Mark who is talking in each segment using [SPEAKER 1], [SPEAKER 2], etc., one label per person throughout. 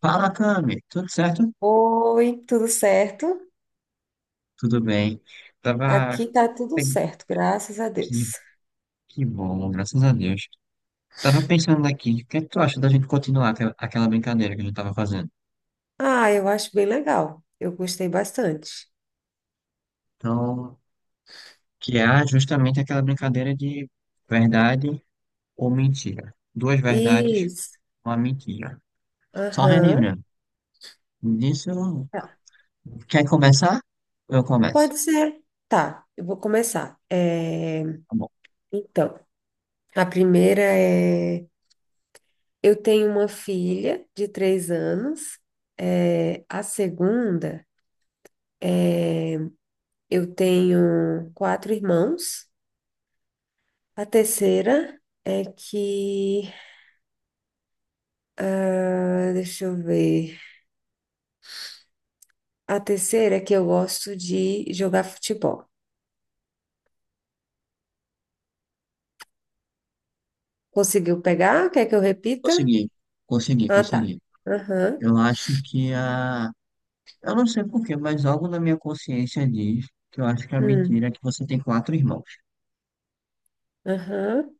[SPEAKER 1] Fala, Cami. Tudo certo?
[SPEAKER 2] Oi, tudo certo?
[SPEAKER 1] Tudo bem.
[SPEAKER 2] Aqui
[SPEAKER 1] Tava.
[SPEAKER 2] tá tudo
[SPEAKER 1] pen-
[SPEAKER 2] certo, graças a
[SPEAKER 1] Que,
[SPEAKER 2] Deus.
[SPEAKER 1] que bom, graças a Deus. Tava pensando aqui, o que é que tu acha da gente continuar aquela brincadeira que a gente tava fazendo?
[SPEAKER 2] Ah, eu acho bem legal. Eu gostei bastante.
[SPEAKER 1] Então, que é justamente aquela brincadeira de verdade ou mentira. Duas verdades,
[SPEAKER 2] Isso.
[SPEAKER 1] uma mentira. Só
[SPEAKER 2] Aham.
[SPEAKER 1] relembrando, disso,
[SPEAKER 2] Tá.
[SPEAKER 1] quer começar? Eu começo.
[SPEAKER 2] Pode ser. Tá, eu vou começar. É,
[SPEAKER 1] Tá bom.
[SPEAKER 2] então, a primeira é: eu tenho uma filha de 3 anos. É, a segunda é: eu tenho quatro irmãos. A terceira é que. Ah, deixa eu ver. A terceira é que eu gosto de jogar futebol. Conseguiu pegar? Quer que eu repita?
[SPEAKER 1] Consegui, consegui,
[SPEAKER 2] Ah, tá.
[SPEAKER 1] consegui.
[SPEAKER 2] Aham.
[SPEAKER 1] Eu acho que a Eu não sei por quê, mas algo na minha consciência diz que eu acho que a
[SPEAKER 2] Hum.
[SPEAKER 1] mentira é que você tem quatro irmãos.
[SPEAKER 2] Aham.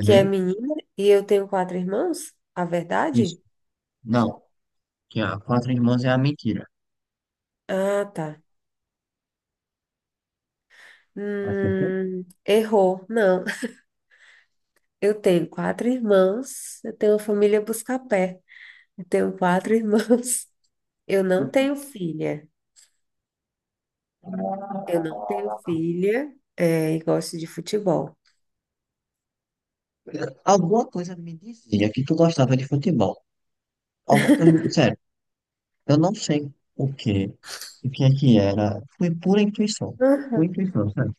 [SPEAKER 2] Que é menina e eu tenho quatro irmãos? A
[SPEAKER 1] Isso.
[SPEAKER 2] verdade?
[SPEAKER 1] Não. Que a quatro irmãos é a mentira.
[SPEAKER 2] Ah, tá.
[SPEAKER 1] Acertei?
[SPEAKER 2] Errou. Não. Eu tenho quatro irmãos. Eu tenho uma família busca-pé. Eu tenho quatro irmãos. Eu não tenho filha. Eu não tenho filha, é, e gosto de futebol.
[SPEAKER 1] Alguma coisa me dizia que tu gostava de futebol. Alguma coisa, sério, eu não sei o que é que era. Foi pura intuição. Pura intuição, sabe?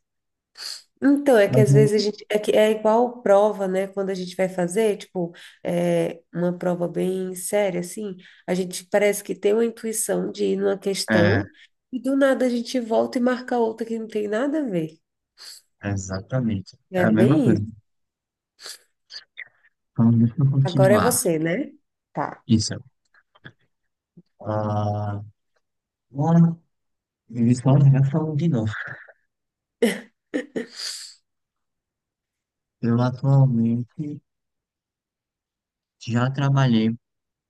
[SPEAKER 2] Então, é que
[SPEAKER 1] Mas
[SPEAKER 2] às
[SPEAKER 1] não.
[SPEAKER 2] vezes a gente. É, que é igual prova, né? Quando a gente vai fazer, tipo, é, uma prova bem séria, assim, a gente parece que tem uma intuição de ir numa
[SPEAKER 1] É,
[SPEAKER 2] questão e do nada a gente volta e marca outra que não tem nada a ver.
[SPEAKER 1] exatamente. É
[SPEAKER 2] É
[SPEAKER 1] a mesma
[SPEAKER 2] bem
[SPEAKER 1] coisa.
[SPEAKER 2] isso.
[SPEAKER 1] Então, deixa eu
[SPEAKER 2] Agora é
[SPEAKER 1] continuar.
[SPEAKER 2] você, né? Tá.
[SPEAKER 1] Isso. Ah, bora. Eles falam, já falam de novo. Eu atualmente. Já trabalhei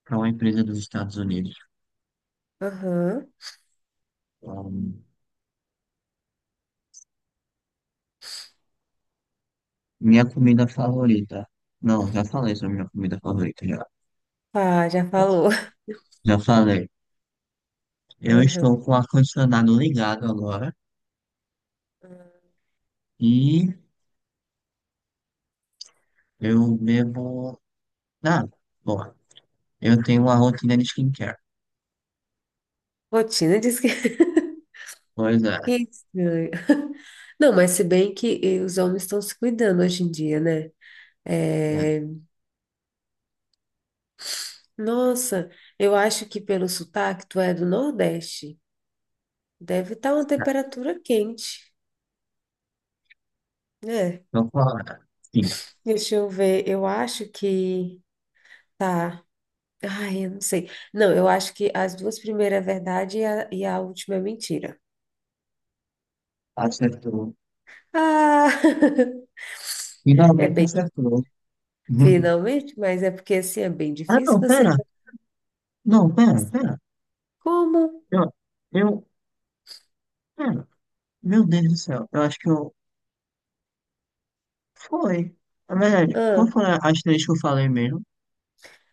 [SPEAKER 1] para uma empresa dos Estados Unidos.
[SPEAKER 2] Aham.
[SPEAKER 1] Ahn, minha comida favorita. Não, já falei sobre minha comida favorita, já.
[SPEAKER 2] Ah, já falou.
[SPEAKER 1] Já falei. Eu
[SPEAKER 2] Aham.
[SPEAKER 1] estou com o ar-condicionado ligado agora e eu bebo. Ah, bom, eu tenho uma rotina de skincare.
[SPEAKER 2] Rotina diz que.
[SPEAKER 1] Pois
[SPEAKER 2] Que
[SPEAKER 1] é.
[SPEAKER 2] estranho. Não, mas se bem que eh, os homens estão se cuidando hoje em dia, né?
[SPEAKER 1] Né?
[SPEAKER 2] É, nossa, eu acho que pelo sotaque tu é do Nordeste. Deve estar uma
[SPEAKER 1] É,
[SPEAKER 2] temperatura quente, né?
[SPEAKER 1] então, qual é? Sim,
[SPEAKER 2] Deixa eu ver, eu acho que tá. Ai, eu não sei. Não, eu acho que as duas primeiras é verdade e a última é mentira.
[SPEAKER 1] acertou.
[SPEAKER 2] Ah! É
[SPEAKER 1] Finalmente
[SPEAKER 2] bem,
[SPEAKER 1] acertou.
[SPEAKER 2] finalmente, mas é porque assim é bem
[SPEAKER 1] Ah,
[SPEAKER 2] difícil
[SPEAKER 1] não,
[SPEAKER 2] você
[SPEAKER 1] pera.
[SPEAKER 2] ver
[SPEAKER 1] Não, pera, pera.
[SPEAKER 2] como.
[SPEAKER 1] Eu, eu, pera. Meu Deus do céu. Eu acho que eu Foi. Na verdade, como
[SPEAKER 2] Ah,
[SPEAKER 1] foram as três que eu falei mesmo?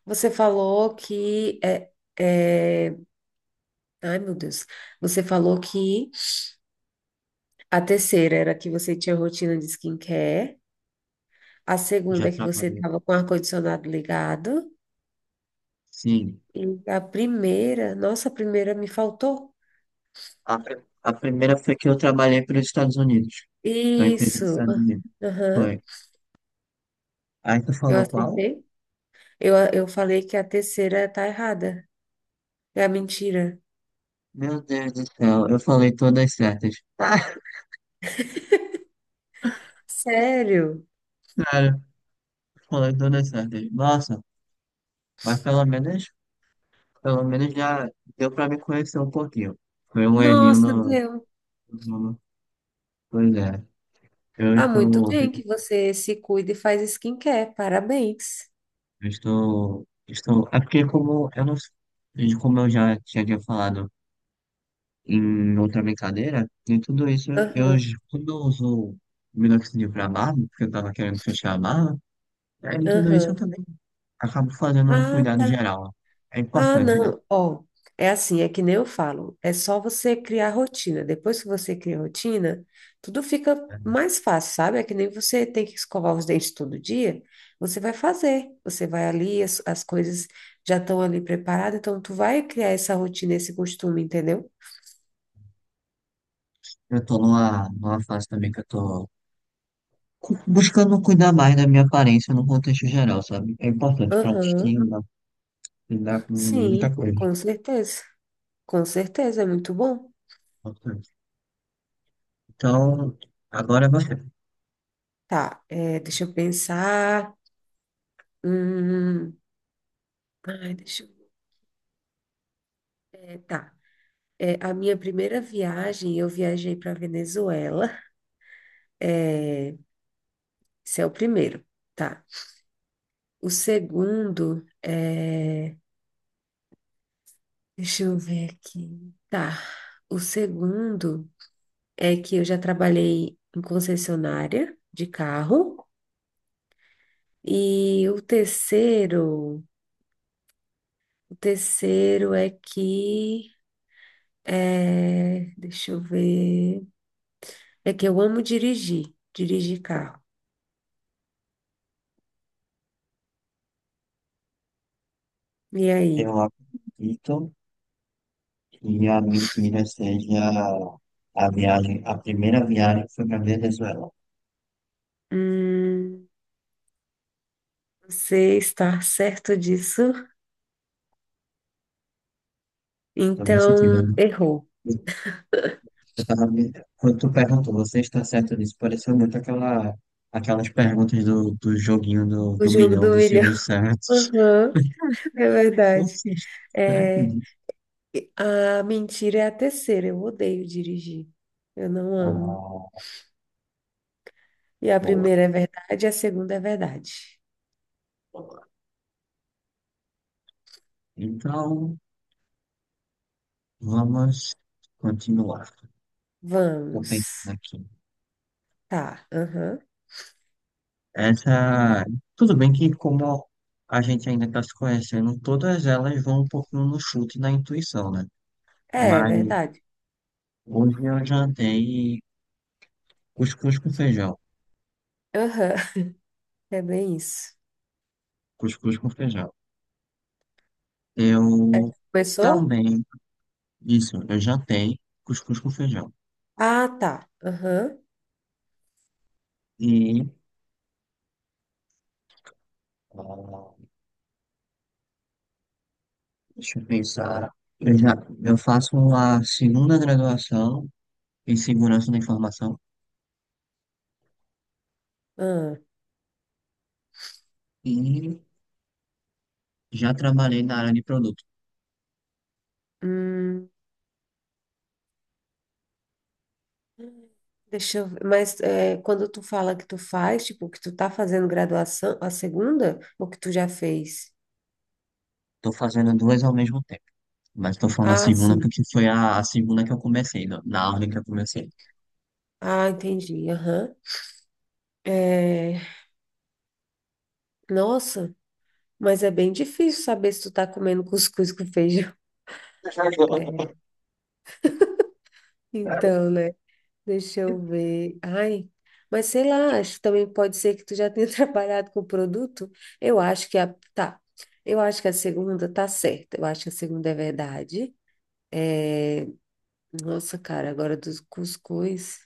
[SPEAKER 2] você falou que é, é... Ai, meu Deus. Você falou que a terceira era que você tinha rotina de skincare. A segunda
[SPEAKER 1] Já
[SPEAKER 2] é que você
[SPEAKER 1] trabalhei.
[SPEAKER 2] estava com o ar-condicionado ligado.
[SPEAKER 1] Sim.
[SPEAKER 2] E a primeira, nossa, a primeira me faltou.
[SPEAKER 1] A, pri- a primeira foi que eu trabalhei para os Estados Unidos. Uma empresa
[SPEAKER 2] Isso.
[SPEAKER 1] dos Estados Unidos.
[SPEAKER 2] Aham,
[SPEAKER 1] Foi. Aí tu
[SPEAKER 2] eu
[SPEAKER 1] falou qual?
[SPEAKER 2] acertei. Eu falei que a terceira tá errada. É a mentira.
[SPEAKER 1] Meu Deus do céu, eu falei todas certas. Ah,
[SPEAKER 2] Sério?
[SPEAKER 1] cara, falei todas certas. Nossa, mas pelo menos já deu pra me conhecer um pouquinho. Foi um errinho
[SPEAKER 2] Nossa, deu.
[SPEAKER 1] no... Pois é. Eu
[SPEAKER 2] Ah, muito
[SPEAKER 1] estou.
[SPEAKER 2] bem que você se cuida e faz skincare. Parabéns.
[SPEAKER 1] Estou. É porque como eu não, como eu já tinha falado em outra brincadeira, e tudo isso eu
[SPEAKER 2] Aham,
[SPEAKER 1] quando eu uso minoxidil para barba, porque eu tava querendo fechar a barba, aí em tudo isso eu
[SPEAKER 2] aham.
[SPEAKER 1] também acabo fazendo um
[SPEAKER 2] Ah,
[SPEAKER 1] cuidado
[SPEAKER 2] tá.
[SPEAKER 1] geral. É
[SPEAKER 2] Ah,
[SPEAKER 1] importante, né?
[SPEAKER 2] não. Ó, é assim, é que nem eu falo. É só você criar rotina. Depois que você cria rotina, tudo fica mais fácil, sabe? É que nem você tem que escovar os dentes todo dia. Você vai fazer. Você vai ali, as coisas já estão ali preparadas. Então, tu vai criar essa rotina, esse costume, entendeu?
[SPEAKER 1] Eu tô numa fase também que eu tô buscando cuidar mais da minha aparência no contexto geral, sabe? É importante pra
[SPEAKER 2] Aham.
[SPEAKER 1] autoestima, lidar com muita
[SPEAKER 2] Sim,
[SPEAKER 1] coisa.
[SPEAKER 2] com certeza. Com certeza, é muito bom.
[SPEAKER 1] Importante. Então, agora você.
[SPEAKER 2] Tá, é, deixa eu pensar. Hum, ai, deixa eu... é, tá. É, a minha primeira viagem, eu viajei para Venezuela. Esse é o primeiro, tá? O segundo é. Deixa eu ver aqui. Tá. O segundo é que eu já trabalhei em concessionária de carro. E o terceiro é que é, deixa eu ver. É que eu amo dirigir, dirigir carro. E aí?
[SPEAKER 1] Eu acredito que a mentira seja a viagem, a primeira viagem que foi para Venezuela.
[SPEAKER 2] Hum, você está certo disso?
[SPEAKER 1] Estou me sentindo.
[SPEAKER 2] Então,
[SPEAKER 1] Né?
[SPEAKER 2] errou.
[SPEAKER 1] Eu tava me... Quando tu perguntou, você está certo disso? Pareceu muito aquela, aquelas perguntas do joguinho
[SPEAKER 2] O
[SPEAKER 1] do
[SPEAKER 2] jogo
[SPEAKER 1] milhão
[SPEAKER 2] do
[SPEAKER 1] do
[SPEAKER 2] milhão.
[SPEAKER 1] Silvio Santos.
[SPEAKER 2] Aham, é verdade.
[SPEAKER 1] Você está certo
[SPEAKER 2] É,
[SPEAKER 1] disso?
[SPEAKER 2] e a mentira é a terceira. Eu odeio dirigir. Eu não amo.
[SPEAKER 1] Ah,
[SPEAKER 2] E a
[SPEAKER 1] boa,
[SPEAKER 2] primeira é verdade, a segunda é verdade.
[SPEAKER 1] boa. Então, vamos continuar. Estou
[SPEAKER 2] Vamos.
[SPEAKER 1] pensando aqui.
[SPEAKER 2] Tá, aham.
[SPEAKER 1] Essa, tudo bem que como a gente ainda está se conhecendo, todas elas vão um pouquinho no chute e na intuição, né?
[SPEAKER 2] É, é
[SPEAKER 1] Mas
[SPEAKER 2] verdade.
[SPEAKER 1] hoje eu jantei cuscuz com feijão,
[SPEAKER 2] Aham, é bem isso.
[SPEAKER 1] cuscuz com feijão.
[SPEAKER 2] É,
[SPEAKER 1] Eu
[SPEAKER 2] começou?
[SPEAKER 1] também, isso, eu jantei cuscuz com feijão.
[SPEAKER 2] Ah, tá. Aham.
[SPEAKER 1] E, ah, deixa eu pensar, eu já, eu faço a segunda graduação em segurança da informação
[SPEAKER 2] Ah,
[SPEAKER 1] e já trabalhei na área de produtos.
[SPEAKER 2] hum. Deixa eu ver. Mas é, quando tu fala que tu faz, tipo, que tu tá fazendo graduação, a segunda, ou que tu já fez?
[SPEAKER 1] Tô fazendo duas ao mesmo tempo. Mas tô falando a
[SPEAKER 2] Ah,
[SPEAKER 1] segunda
[SPEAKER 2] sim.
[SPEAKER 1] porque foi a segunda que eu comecei, na ordem que eu comecei.
[SPEAKER 2] Ah, entendi. Aham. É, nossa, mas é bem difícil saber se tu tá comendo cuscuz com feijão. É. Então, né? Deixa eu ver. Ai, mas sei lá, acho que também pode ser que tu já tenha trabalhado com o produto. Eu acho que a. Tá. Eu acho que a segunda tá certa. Eu acho que a segunda é verdade. Nossa, cara, agora dos cuscuz.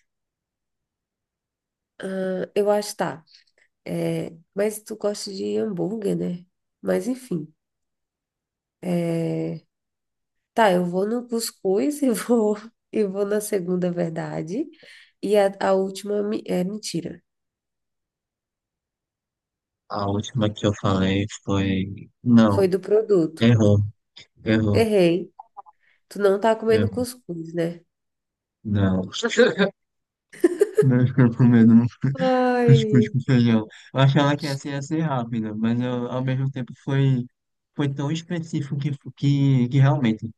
[SPEAKER 2] Eu acho, tá. É, mas tu gosta de hambúrguer, né? Mas enfim. É, tá, eu vou no cuscuz e vou, e vou na segunda verdade. E a última é mentira.
[SPEAKER 1] A última que eu falei foi.
[SPEAKER 2] Foi
[SPEAKER 1] Não,
[SPEAKER 2] do produto.
[SPEAKER 1] errou, errou,
[SPEAKER 2] Errei. Tu não tá comendo
[SPEAKER 1] errou.
[SPEAKER 2] cuscuz, né?
[SPEAKER 1] Não. Não, ficou com medo, não cuscuz
[SPEAKER 2] Ai,
[SPEAKER 1] com feijão. Eu achava que essa ia ser rápida, mas eu, ao mesmo tempo foi, foi tão específico que realmente,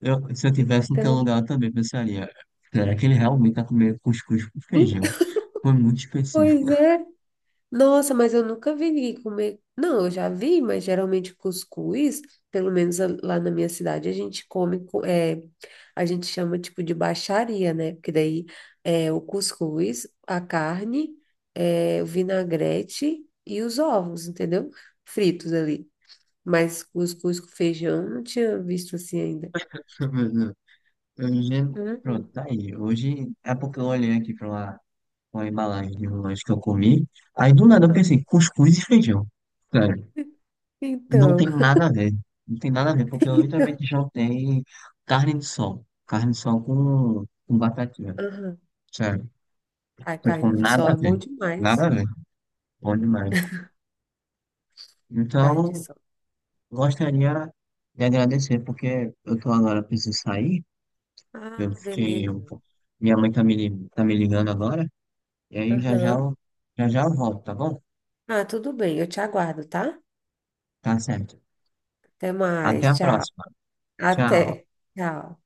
[SPEAKER 1] eu, se eu tivesse no teu
[SPEAKER 2] então.
[SPEAKER 1] lugar, eu também pensaria, será que ele realmente tá comendo cuscuz com feijão? Foi muito específico.
[SPEAKER 2] Pois é. Nossa, mas eu nunca vi ninguém comer. Não, eu já vi, mas geralmente cuscuz, pelo menos lá na minha cidade, a gente come, é, a gente chama tipo de baixaria, né? Porque daí é o cuscuz, a carne, é, o vinagrete e os ovos, entendeu? Fritos ali. Mas cuscuz com feijão eu não tinha visto assim ainda.
[SPEAKER 1] Mas não. Eu pronto,
[SPEAKER 2] Uhum.
[SPEAKER 1] tá aí. Hoje é porque eu olhei aqui pra uma embalagem de um lanche que eu comi. Aí do nada eu
[SPEAKER 2] Ah,
[SPEAKER 1] pensei, cuscuz e feijão. Sério. E não
[SPEAKER 2] então,
[SPEAKER 1] tem nada a ver. Não tem nada a ver, porque eu
[SPEAKER 2] então.
[SPEAKER 1] literalmente jantei carne de sol. Carne de sol com batatinha.
[SPEAKER 2] Aham.
[SPEAKER 1] Sério.
[SPEAKER 2] A
[SPEAKER 1] Então, tipo,
[SPEAKER 2] carne de
[SPEAKER 1] nada
[SPEAKER 2] sol
[SPEAKER 1] a
[SPEAKER 2] é bom
[SPEAKER 1] ver. Nada
[SPEAKER 2] demais.
[SPEAKER 1] a ver. Bom demais.
[SPEAKER 2] Carne de
[SPEAKER 1] Então,
[SPEAKER 2] sol.
[SPEAKER 1] gostaria de agradecer, porque eu tô agora, preciso sair. Eu
[SPEAKER 2] Ah,
[SPEAKER 1] fiquei um
[SPEAKER 2] beleza.
[SPEAKER 1] pouco. Minha mãe tá me, tá me ligando agora. E aí
[SPEAKER 2] Aham.
[SPEAKER 1] já já eu volto, tá bom?
[SPEAKER 2] Ah, tudo bem, eu te aguardo, tá?
[SPEAKER 1] Tá certo.
[SPEAKER 2] Até
[SPEAKER 1] Até
[SPEAKER 2] mais,
[SPEAKER 1] a
[SPEAKER 2] tchau.
[SPEAKER 1] próxima. Tchau.
[SPEAKER 2] Até. Tchau.